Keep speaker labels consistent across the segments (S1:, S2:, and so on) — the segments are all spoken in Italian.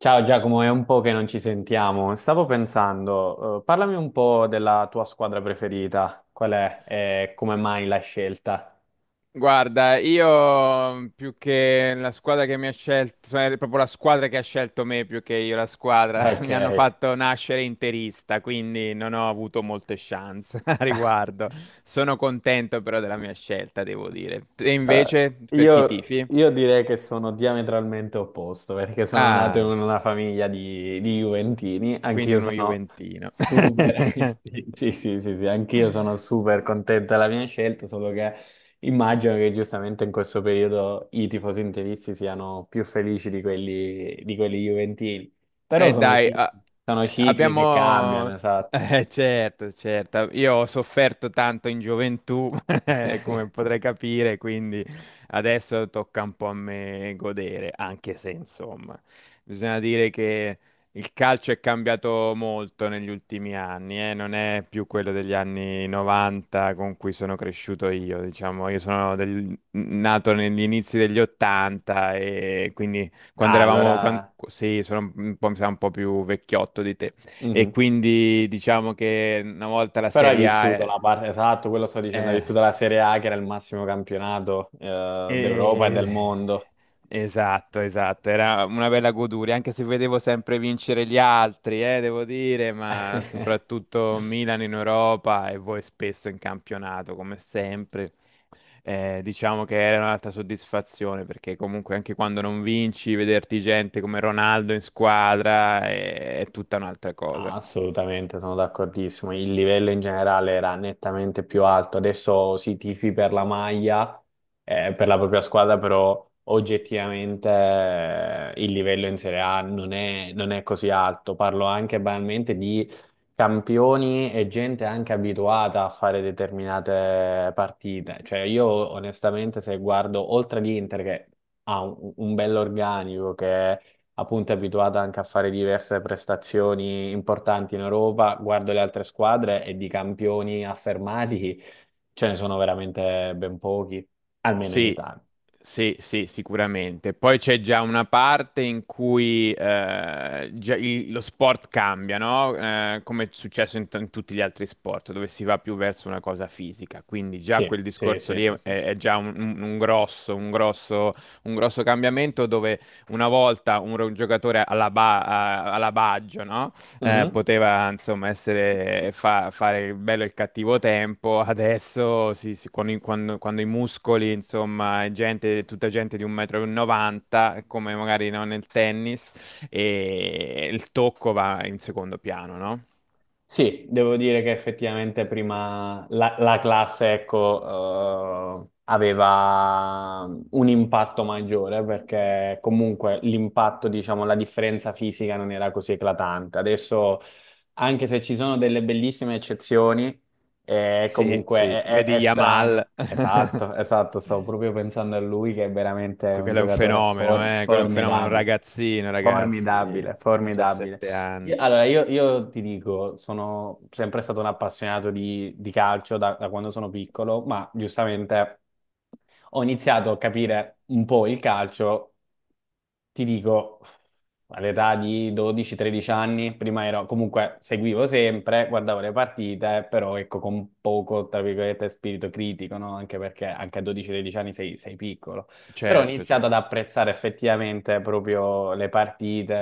S1: Ciao Giacomo, è un po' che non ci sentiamo. Stavo pensando, parlami un po' della tua squadra preferita. Qual è e come mai la scelta?
S2: Guarda, io più che la squadra che mi ha scelto, cioè, è proprio la squadra che ha scelto me più che io la squadra,
S1: Ok.
S2: mi hanno fatto nascere interista, quindi non ho avuto molte chance a riguardo. Sono contento però della mia scelta, devo dire. E invece,
S1: Eh,
S2: per chi
S1: io,
S2: tifi?
S1: io direi che sono diametralmente opposto perché sono nato in
S2: Ah,
S1: una famiglia di Juventini,
S2: quindi
S1: anch'io
S2: uno
S1: sono
S2: Juventino.
S1: super, sì, sì, sì, sì, anch'io sono super contento della mia scelta, solo che immagino che giustamente in questo periodo i tifosi interisti siano più felici di quelli Juventini, però
S2: Dai, a-
S1: sono cicli che cambiano,
S2: abbiamo...
S1: esatto.
S2: Certo, certo, io ho sofferto tanto in gioventù, come potrai capire, quindi adesso tocca un po' a me godere, anche se insomma, bisogna dire che il calcio è cambiato molto negli ultimi anni, non è più quello degli anni 90 con cui sono cresciuto io, diciamo, io sono nato negli inizi degli 80 e quindi quando
S1: Ah,
S2: eravamo,
S1: allora...
S2: sì, sono un po', mi sa un po' più vecchiotto di te. E
S1: Mhm.
S2: quindi diciamo che una volta la
S1: Però hai
S2: Serie A
S1: vissuto
S2: è...
S1: la parte, esatto, quello sto dicendo, hai
S2: eh,
S1: vissuto la Serie A che era il massimo campionato d'Europa e
S2: Es-
S1: del mondo.
S2: Esatto, esatto, era una bella goduria, anche se vedevo sempre vincere gli altri, devo dire, ma soprattutto Milan in Europa e voi spesso in campionato, come sempre. Diciamo che era un'altra soddisfazione, perché comunque anche quando non vinci, vederti gente come Ronaldo in squadra è tutta un'altra cosa.
S1: Assolutamente, sono d'accordissimo. Il livello in generale era nettamente più alto. Adesso si tifi per la maglia, per la propria squadra, però oggettivamente il livello in Serie A non è, non è così alto. Parlo anche banalmente di campioni e gente anche abituata a fare determinate partite. Cioè, io onestamente, se guardo oltre l'Inter, che ha un bell'organico, appunto è abituata anche a fare diverse prestazioni importanti in Europa, guardo le altre squadre e di campioni affermati ce ne sono veramente ben pochi, almeno in
S2: Sì,
S1: Italia.
S2: sì, sì, sicuramente. Poi c'è già una parte in cui già lo sport cambia, no? Come è successo in tutti gli altri sport, dove si va più verso una cosa fisica. Quindi già
S1: Sì,
S2: quel
S1: sì,
S2: discorso
S1: sì,
S2: lì
S1: sì, sì. Sì.
S2: è già un, un grosso, un grosso cambiamento dove una volta un, giocatore alla Baggio, no?
S1: Mhm.
S2: Poteva insomma fare il bello e il cattivo tempo, adesso con quando, quando i muscoli, insomma, è gente, tutta gente di 1,90 m, come magari no, nel tennis, e il tocco va in secondo piano, no?
S1: Sì, devo dire che effettivamente prima la, la classe, ecco, aveva un impatto maggiore perché comunque l'impatto, diciamo, la differenza fisica non era così eclatante. Adesso, anche se ci sono delle bellissime eccezioni,
S2: Sì,
S1: comunque
S2: sì,
S1: è,
S2: vedi
S1: è
S2: Yamal,
S1: strano. Esatto, esatto, stavo proprio pensando a lui che è veramente un
S2: quello è un
S1: giocatore
S2: fenomeno, quello è un fenomeno, un
S1: formidabile.
S2: ragazzino, ragazzi,
S1: Formidabile, formidabile.
S2: 17 anni,
S1: Allora, io ti dico, sono sempre stato un appassionato di calcio da, da quando sono piccolo, ma giustamente ho iniziato a capire un po' il calcio ti dico, all'età di 12-13 anni, prima ero, comunque seguivo sempre, guardavo le partite, però ecco con poco, tra virgolette, spirito critico, no? Anche perché anche a 12-13 anni sei, sei piccolo. Però ho
S2: certo,
S1: iniziato ad
S2: certo.
S1: apprezzare effettivamente proprio le partite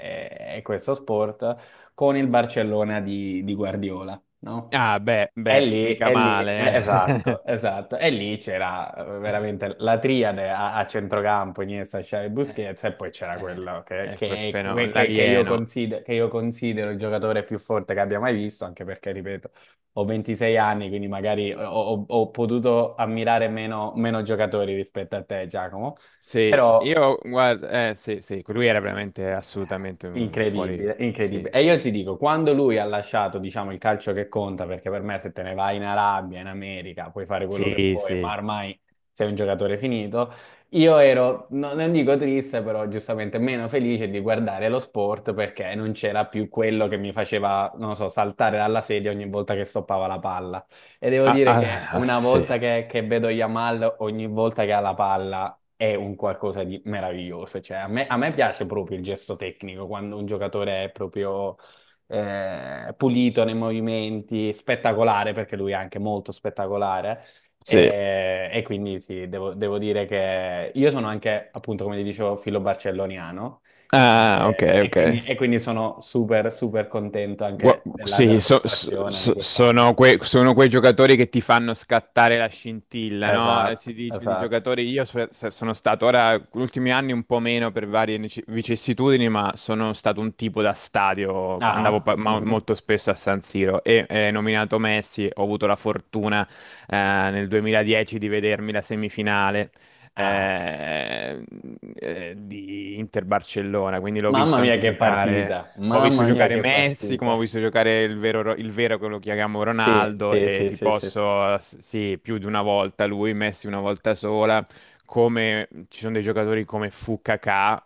S1: e questo sport con il Barcellona di Guardiola, no?
S2: Ah, beh, beh, mica
S1: E lì,
S2: male, eh.
S1: esatto, esatto. E lì c'era veramente la triade a, a centrocampo, Iniesta, Xavi e
S2: Eh,
S1: Busquets, e poi c'era
S2: eh,
S1: quello che,
S2: quel
S1: che è que-
S2: fenomeno,
S1: que- che io
S2: l'alieno.
S1: consider- che io considero il giocatore più forte che abbia mai visto, anche perché, ripeto, ho 26 anni, quindi magari ho potuto ammirare meno, meno giocatori rispetto a te, Giacomo.
S2: Sì,
S1: Però
S2: io guarda, sì, sì, lui era veramente assolutamente un fuori.
S1: incredibile, incredibile.
S2: Sì,
S1: E io ti dico, quando lui ha lasciato, diciamo, il calcio che conta, perché per me se te ne vai in Arabia, in America, puoi fare quello che
S2: sì,
S1: vuoi, ma
S2: sì.
S1: ormai sei un giocatore finito, io ero, non dico triste, però giustamente meno felice di guardare lo sport perché non c'era più quello che mi faceva, non lo so, saltare dalla sedia ogni volta che stoppava la palla. E devo
S2: Ah,
S1: dire che
S2: ah, ah,
S1: una
S2: sì,
S1: volta che vedo Yamal, ogni volta che ha la palla, è un qualcosa di meraviglioso. Cioè, a me piace proprio il gesto tecnico, quando un giocatore è proprio pulito nei movimenti, spettacolare, perché lui è anche molto spettacolare.
S2: sì.
S1: E quindi sì, devo, devo dire che io sono anche, appunto, come ti dicevo, filo barcelloniano.
S2: Ah, ok,
S1: eh, E,
S2: ok.
S1: quindi, e quindi sono super, super contento
S2: Gua-
S1: anche della,
S2: Sì,
S1: della prestazione di quest'anno.
S2: sono, sono quei giocatori che ti fanno scattare la scintilla, no?
S1: Esatto,
S2: Si dice di
S1: esatto.
S2: giocatori, io sono stato ora, negli ultimi anni un po' meno per varie vicissitudini, ma sono stato un tipo da stadio,
S1: Ah,
S2: andavo
S1: ah. Mhm.
S2: molto spesso a San Siro e nominato Messi, ho avuto la fortuna nel 2010 di vedermi la semifinale
S1: Ah. Ah.
S2: eh, di Inter-Barcellona, quindi l'ho
S1: Mamma
S2: visto
S1: mia
S2: anche
S1: che
S2: giocare.
S1: partita,
S2: Ho visto
S1: mamma mia
S2: giocare
S1: che
S2: Messi, come
S1: partita.
S2: ho visto giocare il vero, il vero che lo chiamiamo
S1: Sì,
S2: Ronaldo,
S1: sì,
S2: e
S1: sì,
S2: ti
S1: sì, sì, sì.
S2: posso, sì, più di una volta lui, Messi una volta sola, come ci sono dei giocatori come Fu Kakà,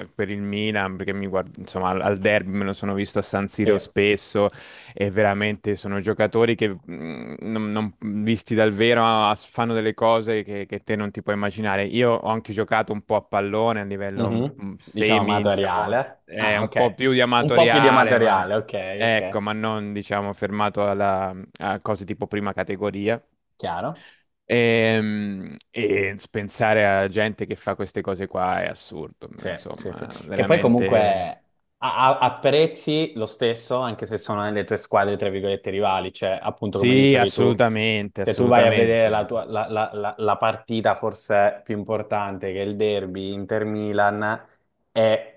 S2: per il Milan, perché mi guardo, insomma, al derby me lo sono visto a San Siro
S1: Sì.
S2: spesso, e veramente sono giocatori che visti dal vero ah, fanno delle cose che te non ti puoi immaginare. Io ho anche giocato un po' a pallone a livello
S1: Mhm. Diciamo
S2: semi, diciamo,
S1: amatoriale. Ah,
S2: un po'
S1: ok.
S2: più di
S1: Un po' più di
S2: amatoriale, ma
S1: amatoriale, ok, ok.
S2: ecco, ma non diciamo fermato a cose tipo prima categoria.
S1: Chiaro?
S2: E, pensare a gente che fa queste cose qua è assurdo,
S1: Sì, sì, sì.
S2: insomma,
S1: Che poi comunque
S2: veramente.
S1: apprezzi lo stesso, anche se sono nelle tue squadre, tra virgolette, rivali. Cioè, appunto, come
S2: Sì,
S1: dicevi tu,
S2: assolutamente,
S1: se tu vai a vedere la, tua,
S2: assolutamente.
S1: la partita forse più importante, che è il derby Inter-Milan, e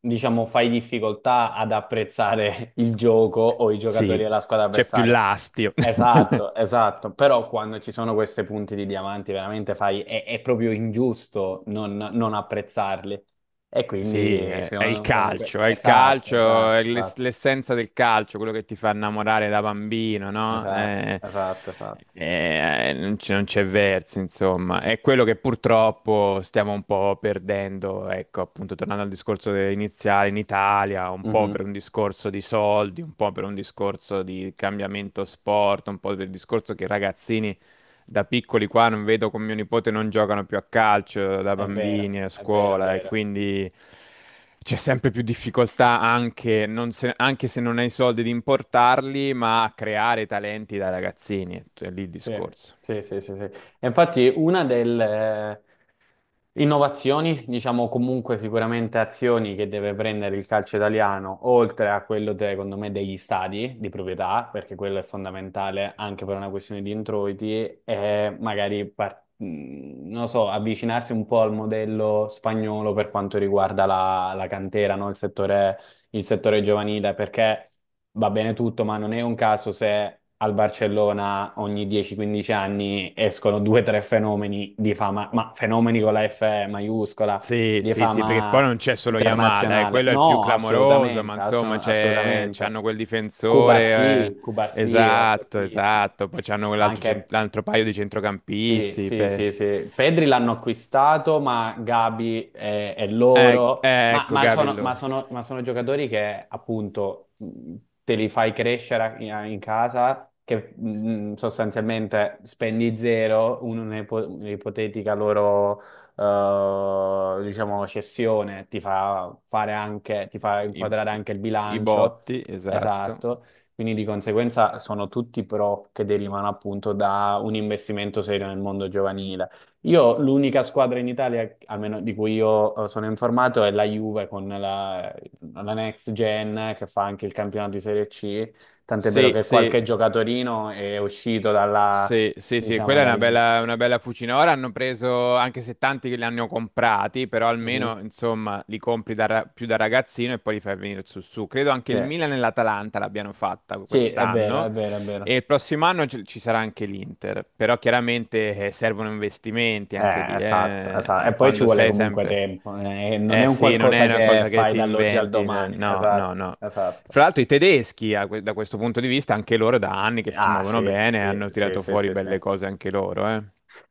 S1: diciamo fai difficoltà ad apprezzare il gioco o i giocatori
S2: Sì,
S1: della squadra
S2: c'è più
S1: avversaria.
S2: l'astio.
S1: Esatto, esatto, però quando ci sono questi punti di diamanti veramente fai, è proprio ingiusto non, non apprezzarli e
S2: Sì,
S1: quindi
S2: è il
S1: sono,
S2: calcio, è il
S1: esatto,
S2: calcio, è
S1: esatto, esatto,
S2: l'essenza del calcio, quello che ti fa innamorare da bambino, no?
S1: esatto, esatto, esatto.
S2: Non c'è non c'è verso, insomma. È quello che purtroppo stiamo un po' perdendo, ecco, appunto, tornando al discorso iniziale in Italia, un po' per
S1: Mhm.
S2: un discorso di soldi, un po' per un discorso di cambiamento sport, un po' per il discorso che i ragazzini da piccoli qua non vedo con mio nipote non giocano più a calcio da
S1: È vero,
S2: bambini a
S1: è vero, è
S2: scuola e
S1: vero.
S2: quindi c'è sempre più difficoltà anche, non se, anche se non hai i soldi di importarli, ma a creare talenti da ragazzini, è lì il
S1: Sì,
S2: discorso.
S1: sì, sì, sì, sì. E infatti una delle innovazioni, diciamo comunque sicuramente azioni che deve prendere il calcio italiano, oltre a quello, secondo me, degli stadi di proprietà, perché quello è fondamentale anche per una questione di introiti, è magari, non lo so, avvicinarsi un po' al modello spagnolo per quanto riguarda la, la cantera, no? Il settore giovanile, perché va bene tutto, ma non è un caso se al Barcellona ogni 10-15 anni escono due o tre fenomeni di fama, ma fenomeni con la F maiuscola,
S2: Sì,
S1: di
S2: sì, sì, perché poi
S1: fama
S2: non c'è solo Yamal,
S1: internazionale.
S2: quello è il più
S1: No,
S2: clamoroso, ma
S1: assolutamente,
S2: insomma c'è,
S1: assolutamente.
S2: c'hanno quel difensore,
S1: Cubarsì, Cubarsì è
S2: esatto,
S1: fortissimo,
S2: esatto, poi c'hanno
S1: ma
S2: quell'altro
S1: anche
S2: l'altro paio di
S1: sì,
S2: centrocampisti,
S1: sì,
S2: beh.
S1: sì, sì. Pedri l'hanno acquistato, ma Gabi è loro.
S2: Ecco,
S1: Ma
S2: Gavi,
S1: sono,
S2: allora.
S1: ma sono giocatori che appunto te li fai crescere in, in casa, che sostanzialmente spendi zero, un'ipotetica loro diciamo cessione ti fa fare anche, ti fa
S2: I,
S1: inquadrare anche il
S2: i
S1: bilancio.
S2: botti, esatto.
S1: Esatto. Quindi di conseguenza sono tutti pro che derivano appunto da un investimento serio nel mondo giovanile. Io l'unica squadra in Italia, almeno di cui io sono informato, è la Juve con la, la Next Gen che fa anche il campionato di Serie C. Tant'è vero
S2: Sì,
S1: che
S2: sì,
S1: qualche giocatorino è uscito dalla,
S2: sì, sì, sì,
S1: diciamo,
S2: quella è
S1: dal Next
S2: una
S1: Gen.
S2: bella fucina. Ora hanno preso, anche se tanti che li hanno comprati, però
S1: Mhm.
S2: almeno, insomma, li compri più da ragazzino e poi li fai venire su su. Credo anche
S1: Sì.
S2: il Milan e l'Atalanta l'abbiano fatta
S1: Sì, è vero, è
S2: quest'anno.
S1: vero, è
S2: E
S1: vero.
S2: il prossimo anno ci sarà anche l'Inter, però chiaramente servono investimenti anche lì,
S1: Esatto,
S2: eh.
S1: esatto. E
S2: E
S1: poi ci
S2: quando
S1: vuole
S2: sei
S1: comunque
S2: sempre...
S1: tempo, non è
S2: Eh
S1: un
S2: sì, non è
S1: qualcosa
S2: una
S1: che
S2: cosa che
S1: fai
S2: ti
S1: dall'oggi al
S2: inventi,
S1: domani,
S2: no,
S1: esatto,
S2: no, no.
S1: esatto.
S2: Fra l'altro i tedeschi, a da questo punto di vista, anche loro da anni che si
S1: Ah,
S2: muovono
S1: sì,
S2: bene,
S1: sì,
S2: hanno
S1: sì,
S2: tirato
S1: sì,
S2: fuori
S1: sì, sì.
S2: belle cose anche loro, eh.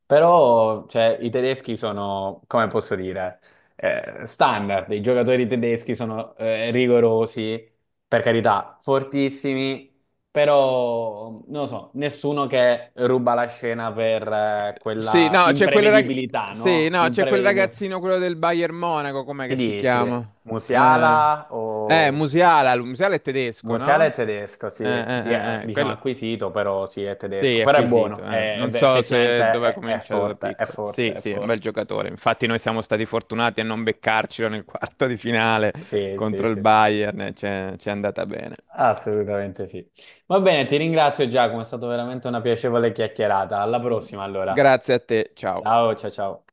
S1: Però, cioè, i tedeschi sono, come posso dire, standard, i giocatori tedeschi sono rigorosi, per carità, fortissimi, però, non lo so, nessuno che ruba la scena per
S2: Sì,
S1: quella
S2: no, c'è quel rag-
S1: imprevedibilità,
S2: sì,
S1: no?
S2: no, c'è quel
S1: Imprevedibilità.
S2: ragazzino, quello del Bayern Monaco, com'è
S1: Chi
S2: che si
S1: dici?
S2: chiama? Eh,
S1: Musiala o...
S2: Musiala, Musiala è tedesco,
S1: Musiala è
S2: no?
S1: tedesco, sì. Diciamo
S2: Quello,
S1: acquisito, però sì, è
S2: sì,
S1: tedesco.
S2: è
S1: Però è
S2: acquisito.
S1: buono,
S2: Eh. Non so
S1: effettivamente
S2: se dove ha
S1: è
S2: cominciato da
S1: forte, è
S2: piccolo.
S1: forte,
S2: Sì,
S1: è
S2: sì, è un
S1: forte.
S2: bel giocatore. Infatti noi siamo stati fortunati a non beccarcelo nel quarto di finale
S1: Sì, sì,
S2: contro il
S1: sì,
S2: Bayern, c'è ci è andata bene.
S1: assolutamente sì. Va bene, ti ringrazio Giacomo, è stata veramente una piacevole chiacchierata. Alla prossima allora.
S2: Grazie a te, ciao.
S1: Ciao, ciao, ciao.